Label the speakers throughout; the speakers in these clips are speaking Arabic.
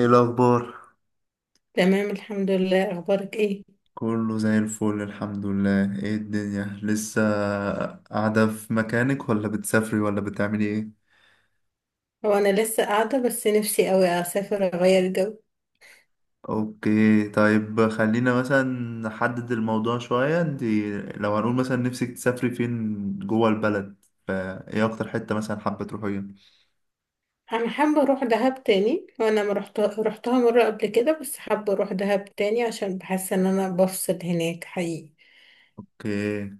Speaker 1: ايه الاخبار؟
Speaker 2: تمام، الحمد لله. اخبارك ايه؟
Speaker 1: كله زي الفل، الحمد لله. ايه الدنيا، لسه قاعده في مكانك ولا بتسافري ولا بتعملي ايه؟
Speaker 2: هو انا لسه قاعده، بس نفسي قوي اسافر اغير جو.
Speaker 1: اوكي، طيب خلينا مثلا نحدد الموضوع شويه. انت لو هنقول مثلا نفسك تسافري فين جوه البلد، فايه اكتر حته مثلا حابه تروحيها؟
Speaker 2: انا حابه اروح دهب تاني، وانا ما رحت رحتها مره قبل كده، بس حابه اروح دهب تاني عشان بحس ان انا بفصل هناك حقيقي.
Speaker 1: اوكي،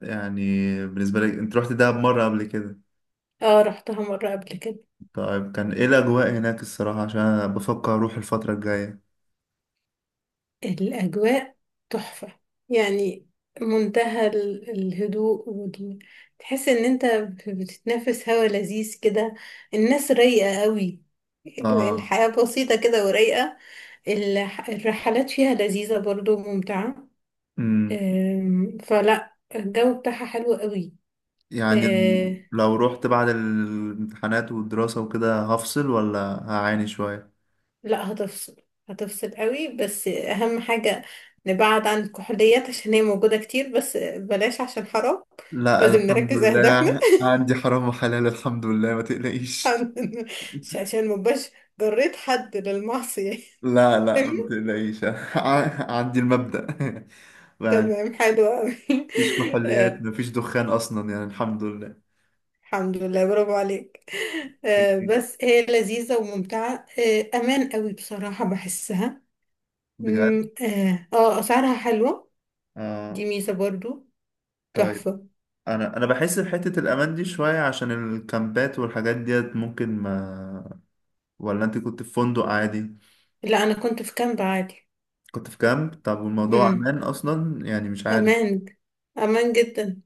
Speaker 1: يعني بالنسبه لك انت رحت دهب مره قبل كده؟
Speaker 2: اه، رحتها مره قبل كده.
Speaker 1: طيب، كان ايه الاجواء هناك الصراحه؟ عشان أنا بفكر اروح الفتره الجايه.
Speaker 2: الأجواء تحفة. يعني منتهى الهدوء تحس إن أنت بتتنفس هوا لذيذ كده. الناس رايقة قوي.
Speaker 1: اه.
Speaker 2: الحياة بسيطة كده ورايقة. الرحلات فيها لذيذة برضو، ممتعة. فلا الجو بتاعها حلو قوي.
Speaker 1: يعني لو رحت بعد الامتحانات والدراسة وكده، هفصل ولا هعاني شوية؟
Speaker 2: لا، هتفصل. هتفصل قوي. بس اهم حاجة نبعد عن الكحوليات، عشان هي موجودة كتير، بس بلاش عشان حرام.
Speaker 1: لا،
Speaker 2: لازم
Speaker 1: الحمد
Speaker 2: نركز اهدافنا.
Speaker 1: لله، عندي حرام وحلال، الحمد لله، ما تقلقيش.
Speaker 2: عن- عشان مبقاش جريت حد للمعصية.
Speaker 1: لا، لا، ما تقلقيش. عندي المبدأ. يعني
Speaker 2: تمام، حلو قوي.
Speaker 1: مفيش كحوليات،
Speaker 2: آه،
Speaker 1: مفيش دخان أصلا، يعني الحمد لله.
Speaker 2: الحمد لله، برافو عليك. بس هي لذيذة وممتعة. امان قوي بصراحة بحسها.
Speaker 1: بجد؟
Speaker 2: اسعارها حلوة. دي
Speaker 1: آه.
Speaker 2: ميزة برضو.
Speaker 1: طيب،
Speaker 2: تحفة.
Speaker 1: أنا بحس بحتة الأمان دي شوية، عشان الكامبات والحاجات ديت ممكن ما... ولا أنت كنت في فندق عادي؟
Speaker 2: لا، انا كنت في كامب عادي.
Speaker 1: كنت في كامب. طب والموضوع
Speaker 2: مم.
Speaker 1: أمان أصلا؟ يعني مش عارف.
Speaker 2: أمان. أمان جدا.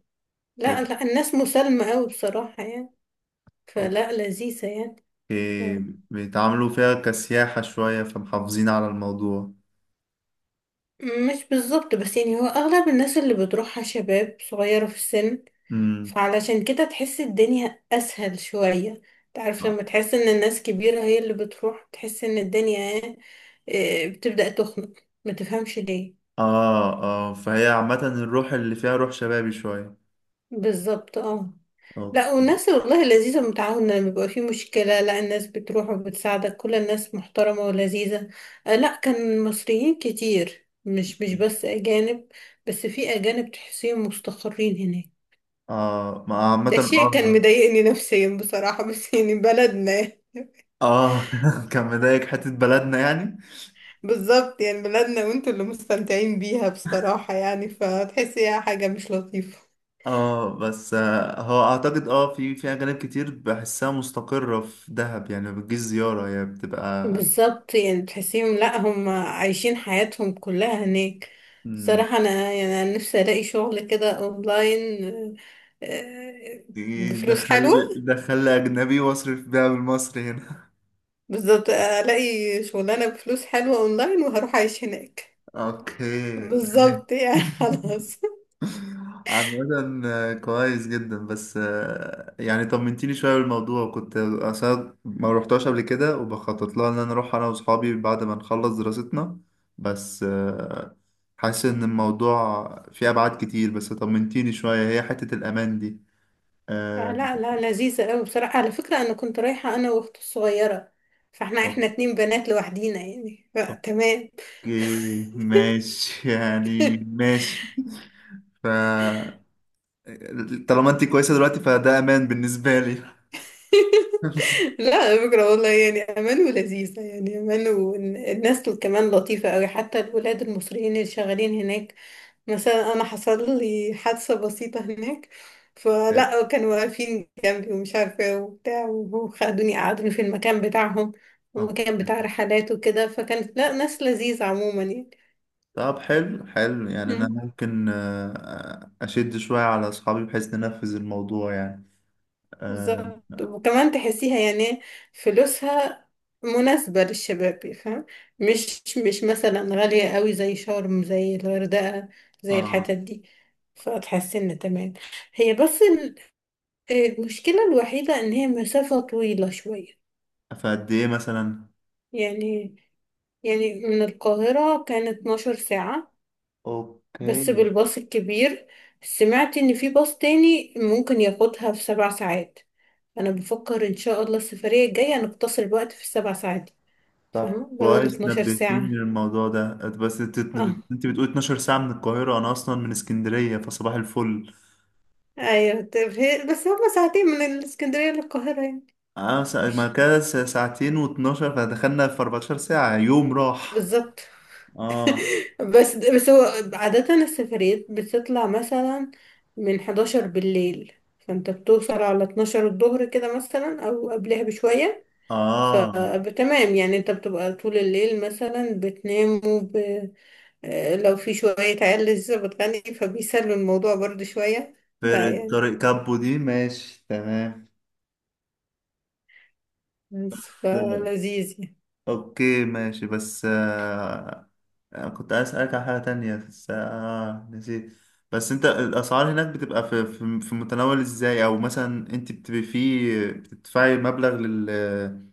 Speaker 2: لا
Speaker 1: أو-
Speaker 2: لا، الناس مسالمة أوي بصراحة يعني. فلا، لذيذة يعني. ف-
Speaker 1: أوكي. بيتعاملوا فيها كسياحة شوية، فمحافظين على الموضوع.
Speaker 2: مش بالظبط، بس يعني هو أغلب الناس اللي بتروحها شباب صغيرة في السن.
Speaker 1: امم.
Speaker 2: فعلشان كده تحس الدنيا أسهل شوية. تعرف لما تحس إن الناس كبيرة هي اللي بتروح، تحس إن الدنيا، بتبدأ تخنق. ما تفهمش ليه.
Speaker 1: آه، آه، فهي عامة الروح اللي فيها روح شبابي شوية.
Speaker 2: بالظبط، اه.
Speaker 1: أوكي.
Speaker 2: لا، والناس والله لذيذة، متعاونة. لما بيبقى في مشكلة، لا، الناس بتروح وبتساعدك. كل الناس محترمة ولذيذة. لا، كان مصريين كتير، مش بس أجانب. بس في أجانب تحسيهم مستقرين هناك.
Speaker 1: آه. ما عامة.
Speaker 2: ده شيء كان
Speaker 1: آه.
Speaker 2: مضايقني نفسيا بصراحة، بس يعني بلدنا.
Speaker 1: آه. كان مضايق حتة بلدنا، يعني.
Speaker 2: بالظبط، يعني بلدنا وانتوا اللي مستمتعين بيها بصراحة، يعني فتحسيها حاجة مش لطيفة.
Speaker 1: اه، بس هو اعتقد في اجانب كتير بحسها مستقرة في دهب، يعني ما بتجيش زيارة، هي بتبقى.
Speaker 2: بالظبط، يعني تحسيهم لا، هم عايشين حياتهم كلها هناك. صراحة أنا، يعني أنا نفسي ألاقي شغل كده أونلاين، آه، بفلوس
Speaker 1: دخل
Speaker 2: حلوة.
Speaker 1: دخل لي أجنبي وأصرف بيها بالمصري هنا.
Speaker 2: بالظبط، ألاقي شغلانة بفلوس حلوة أونلاين وهروح أعيش هناك.
Speaker 1: أوكي.
Speaker 2: بالظبط يعني، خلاص.
Speaker 1: عامة، كويس جدا. بس يعني طمنتيني شوية بالموضوع، وكنت أصلا ما روحتهاش قبل كده، وبخطط لها إن أنا أروح أنا وأصحابي بعد ما نخلص دراستنا. بس حاسس إن الموضوع فيه أبعاد كتير، بس طمنتيني شوية هي حتة الأمان دي. آه،
Speaker 2: لا لا، لذيذة أوي بصراحة. على فكرة، أنا كنت رايحة أنا وأختي الصغيرة، فاحنا اتنين بنات لوحدينا يعني، فتمام.
Speaker 1: أوكي ماشي. يعني ماشي. ف طالما انت كويسه دلوقتي، فده امان بالنسبه لي.
Speaker 2: لا، على فكرة والله يعني أمان ولذيذة، يعني أمان. والناس كمان لطيفة أوي، حتى الولاد المصريين اللي شغالين هناك. مثلا أنا حصل لي حادثة بسيطة هناك، فلا، كانوا واقفين جنبي، ومش عارفة إيه وبتاع، وخدوني قعدوني في المكان بتاعهم،
Speaker 1: آه.
Speaker 2: المكان بتاع رحلات وكده. فكانت، لا، ناس لذيذة عموما.
Speaker 1: طب، حلو حلو، يعني انا
Speaker 2: يعني
Speaker 1: ممكن اشد شويه على اصحابي بحيث ننفذ الموضوع، يعني. اه.
Speaker 2: بالظبط. وكمان تحسيها يعني، فلوسها مناسبة للشباب، فاهم؟ مش مثلا غالية قوي زي شرم، زي الغردقة، زي الحتت
Speaker 1: آه.
Speaker 2: دي. فتحسي ان تمام. هي بس المشكلة الوحيدة ان هي مسافة طويلة شوية.
Speaker 1: فقد ايه مثلا؟
Speaker 2: يعني يعني من القاهرة كانت 12 ساعة، بس
Speaker 1: اوكي،
Speaker 2: بالباص الكبير. سمعت ان في باص تاني ممكن ياخدها في سبع ساعات. انا بفكر ان شاء الله السفريه الجايه نقتصر الوقت في السبع ساعات دي.
Speaker 1: طب
Speaker 2: فاهمه، بدل
Speaker 1: كويس
Speaker 2: 12
Speaker 1: نبهتيني
Speaker 2: ساعه.
Speaker 1: للموضوع ده. بس انت
Speaker 2: اه،
Speaker 1: انت بتقول 12 ساعه من القاهره، انا اصلا من اسكندريه فصباح الفل.
Speaker 2: ايوه. طب بس هما ساعتين من الاسكندريه للقاهره يعني.
Speaker 1: اه، ما
Speaker 2: مش-
Speaker 1: كده ساعتين و12، فدخلنا في 14 ساعه يوم راح.
Speaker 2: بالظبط.
Speaker 1: اه،
Speaker 2: بس هو عاده السفريات بتطلع مثلا من 11 بالليل، فانت بتوصل على 12 الظهر كده مثلا، او قبلها بشويه.
Speaker 1: اه،
Speaker 2: فتمام يعني، انت بتبقى طول الليل مثلا بتنام. لو في شوية عيال لسه بتغني، فبيسلوا الموضوع برضو شوية. لا
Speaker 1: فرقة
Speaker 2: يعني،
Speaker 1: طريق كابو دي ماشي تمام.
Speaker 2: بس
Speaker 1: تمام.
Speaker 2: فلذيذ يعني.
Speaker 1: اوكي ماشي، بس كنت عايز اسألك على حاجة تانية، بس نسيت. بس انت، الاسعار هناك بتبقى في متناول ازاي؟ او مثلا انت بتبقي فيه بتدفعي مبلغ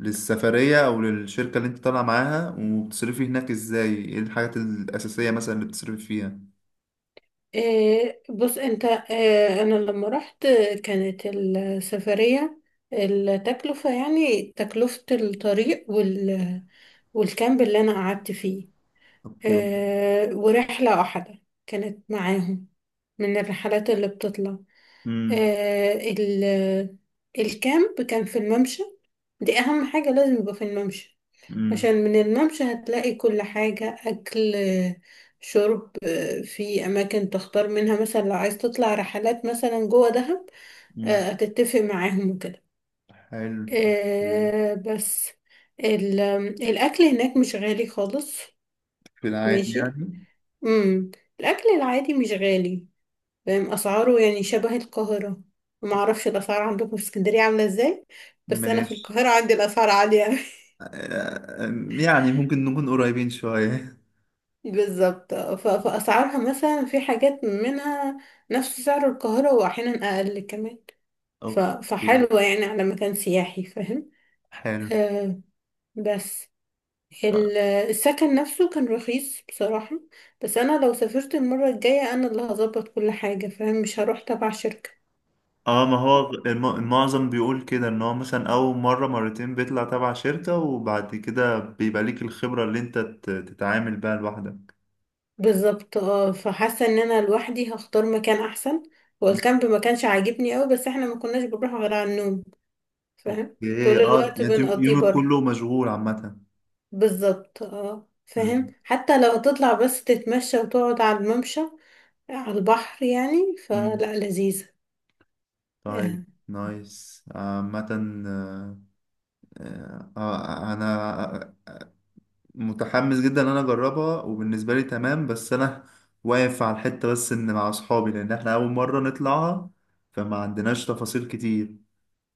Speaker 1: للسفرية او للشركة اللي انت طالعة معاها، وبتصرفي هناك ازاي، ايه الحاجات الاساسية مثلا اللي بتصرفي فيها؟
Speaker 2: بص انت، انا لما رحت، كانت السفرية، التكلفة يعني، تكلفة الطريق والكامب اللي انا قعدت فيه.
Speaker 1: اوكي.
Speaker 2: ورحلة واحدة كانت معاهم، من الرحلات اللي بتطلع.
Speaker 1: امم.
Speaker 2: آه، ال- الكامب كان في الممشى. دي اهم حاجة، لازم يبقى في الممشى، عشان
Speaker 1: امم.
Speaker 2: من الممشى هتلاقي كل حاجة، أكل، شرب، في أماكن تختار منها. مثلا لو عايز تطلع رحلات مثلا جوه دهب،
Speaker 1: أمم.
Speaker 2: هتتفق معاهم وكده.
Speaker 1: حلو، أوكي.
Speaker 2: بس ال- الأكل هناك مش غالي خالص.
Speaker 1: في العادي
Speaker 2: ماشي.
Speaker 1: يعني؟
Speaker 2: امم الأكل العادي مش غالي. فاهم أسعاره يعني شبه القاهرة. معرفش الأسعار عندكم في اسكندرية عاملة ازاي، بس أنا في
Speaker 1: ماشي.
Speaker 2: القاهرة عندي الأسعار عالية.
Speaker 1: آه، يعني ممكن نكون قريبين شوية.
Speaker 2: بالظبط. فأسعارها مثلا، في حاجات منها نفس سعر القاهرة، وأحيانا أقل كمان.
Speaker 1: اوكي،
Speaker 2: فحلوة يعني، على مكان سياحي، فاهم؟
Speaker 1: حلو.
Speaker 2: آه بس ال- السكن نفسه كان رخيص بصراحة. بس أنا لو سافرت المرة الجاية، أنا اللي هظبط كل حاجة، فاهم؟ مش هروح تبع شركة.
Speaker 1: اه، ما هو المعظم بيقول كده، ان هو مثلا اول مرة مرتين بيطلع تبع شركة، وبعد كده بيبقى ليك الخبرة اللي انت تتعامل بيها لوحدك.
Speaker 2: بالظبط، اه. فحاسة إن أنا لوحدي هختار مكان أحسن. هو
Speaker 1: م.
Speaker 2: الكامب ما كانش عاجبني أوي، بس احنا ما كناش بنروح غير على النوم، فاهم؟
Speaker 1: اوكي،
Speaker 2: طول
Speaker 1: اه،
Speaker 2: الوقت
Speaker 1: يعني
Speaker 2: بنقضيه
Speaker 1: يومك
Speaker 2: بره.
Speaker 1: كله مشغول عامة.
Speaker 2: بالظبط، اه. فاهم؟
Speaker 1: م.
Speaker 2: حتى لو هتطلع بس تتمشى وتقعد على الممشى على البحر يعني،
Speaker 1: م.
Speaker 2: فلا، لذيذة.
Speaker 1: طيب،
Speaker 2: آه.
Speaker 1: نايس عامة. انا متحمس جدا ان انا اجربها، وبالنسبه لي تمام. بس انا واقف على الحته، بس ان مع اصحابي، لان احنا اول مره نطلعها، فما عندناش تفاصيل كتير.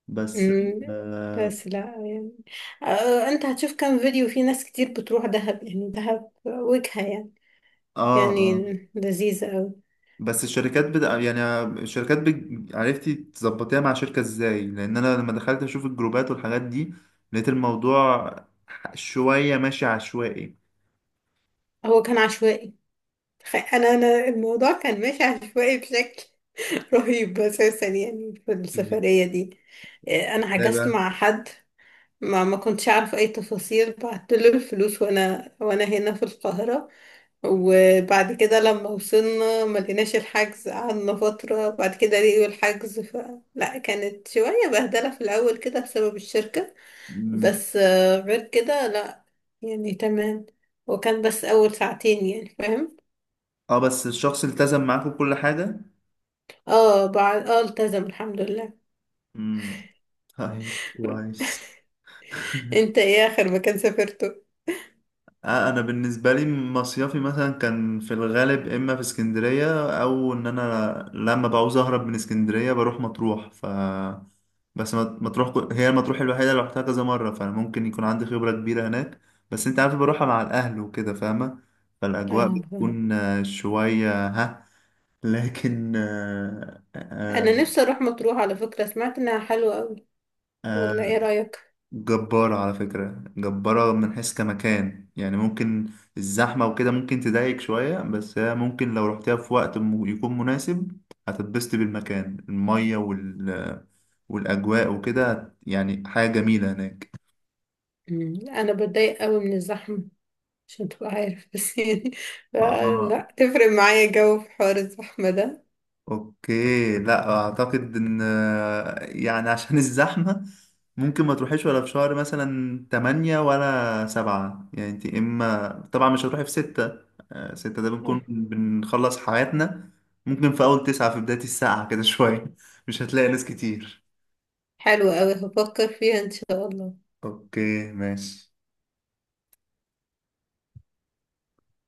Speaker 1: بس
Speaker 2: مم.
Speaker 1: اه
Speaker 2: بس لا يعني، انت هتشوف كام فيديو، في ناس كتير بتروح دهب. يعني دهب وجهة يعني،
Speaker 1: اه
Speaker 2: يعني
Speaker 1: آه.
Speaker 2: لذيذة أوي.
Speaker 1: بس الشركات بدا يعني الشركات بج... عرفتي تظبطيها مع شركه ازاي؟ لان انا لما دخلت اشوف الجروبات والحاجات دي، لقيت الموضوع شويه ماشي عشوائي.
Speaker 2: هو كان عشوائي. انا الموضوع كان ماشي عشوائي بشكل رهيب اساسا، يعني في
Speaker 1: مم.
Speaker 2: السفرية دي. انا
Speaker 1: ازاي
Speaker 2: حجزت
Speaker 1: بقى؟
Speaker 2: مع حد، ما كنتش اعرف اي تفاصيل. بعت له الفلوس وانا هنا في القاهرة، وبعد كده لما وصلنا ما لقيناش الحجز. قعدنا فترة، بعد كده لقيوا الحجز لا، كانت شوية بهدلة في الأول كده، بسبب الشركة.
Speaker 1: مم.
Speaker 2: بس غير كده، لا، يعني تمام. وكان بس أول ساعتين يعني، فاهم؟
Speaker 1: اه، بس الشخص التزم معاكم بكل حاجه؟
Speaker 2: اه، بعد التزم، الحمد لله.
Speaker 1: امم. طيب كويس.
Speaker 2: انت ايه آخر مكان سافرته؟
Speaker 1: انا بالنسبه لي، مصيفي مثلا كان في الغالب اما في اسكندريه، او ان انا لما بعوز اهرب من اسكندريه بروح مطروح. بس مطروح، هي المطروح الوحيده اللي رحتها كذا مره، فانا ممكن يكون عندي خبره كبيره هناك. بس انت عارف بروحها مع الاهل وكده، فاهمه. فالاجواء
Speaker 2: اه، فاهم.
Speaker 1: بتكون شويه ها. لكن
Speaker 2: انا نفسي اروح مطروح، على فكرة سمعت انها حلوة قوي، ولا
Speaker 1: آه،
Speaker 2: ايه رأيك؟
Speaker 1: جبارة على فكرة، جبارة من حيث كمكان، يعني ممكن الزحمة وكده ممكن تضايق شوية، بس هي ممكن لو رحتها في وقت يكون مناسب، هتتبسط بالمكان، المية والأجواء وكده يعني حاجة جميلة هناك.
Speaker 2: مم. انا بتضايق قوي من الزحمة، عشان تبقى عارف. بس يعني لا،
Speaker 1: آه
Speaker 2: لا تفرق معايا، جو في حوار الزحمة ده.
Speaker 1: اوكي، لا اعتقد ان، يعني عشان الزحمة، ممكن ما تروحيش ولا في شهر مثلا تمانية ولا سبعة، يعني انت اما طبعا مش هتروحي في ستة. ستة ده بنكون بنخلص حياتنا. ممكن في اول تسعة، في بداية الساعة كده شوية، مش هتلاقي ناس كتير.
Speaker 2: حلو قوي، هفكر فيها ان شاء الله.
Speaker 1: اوكي ماشي.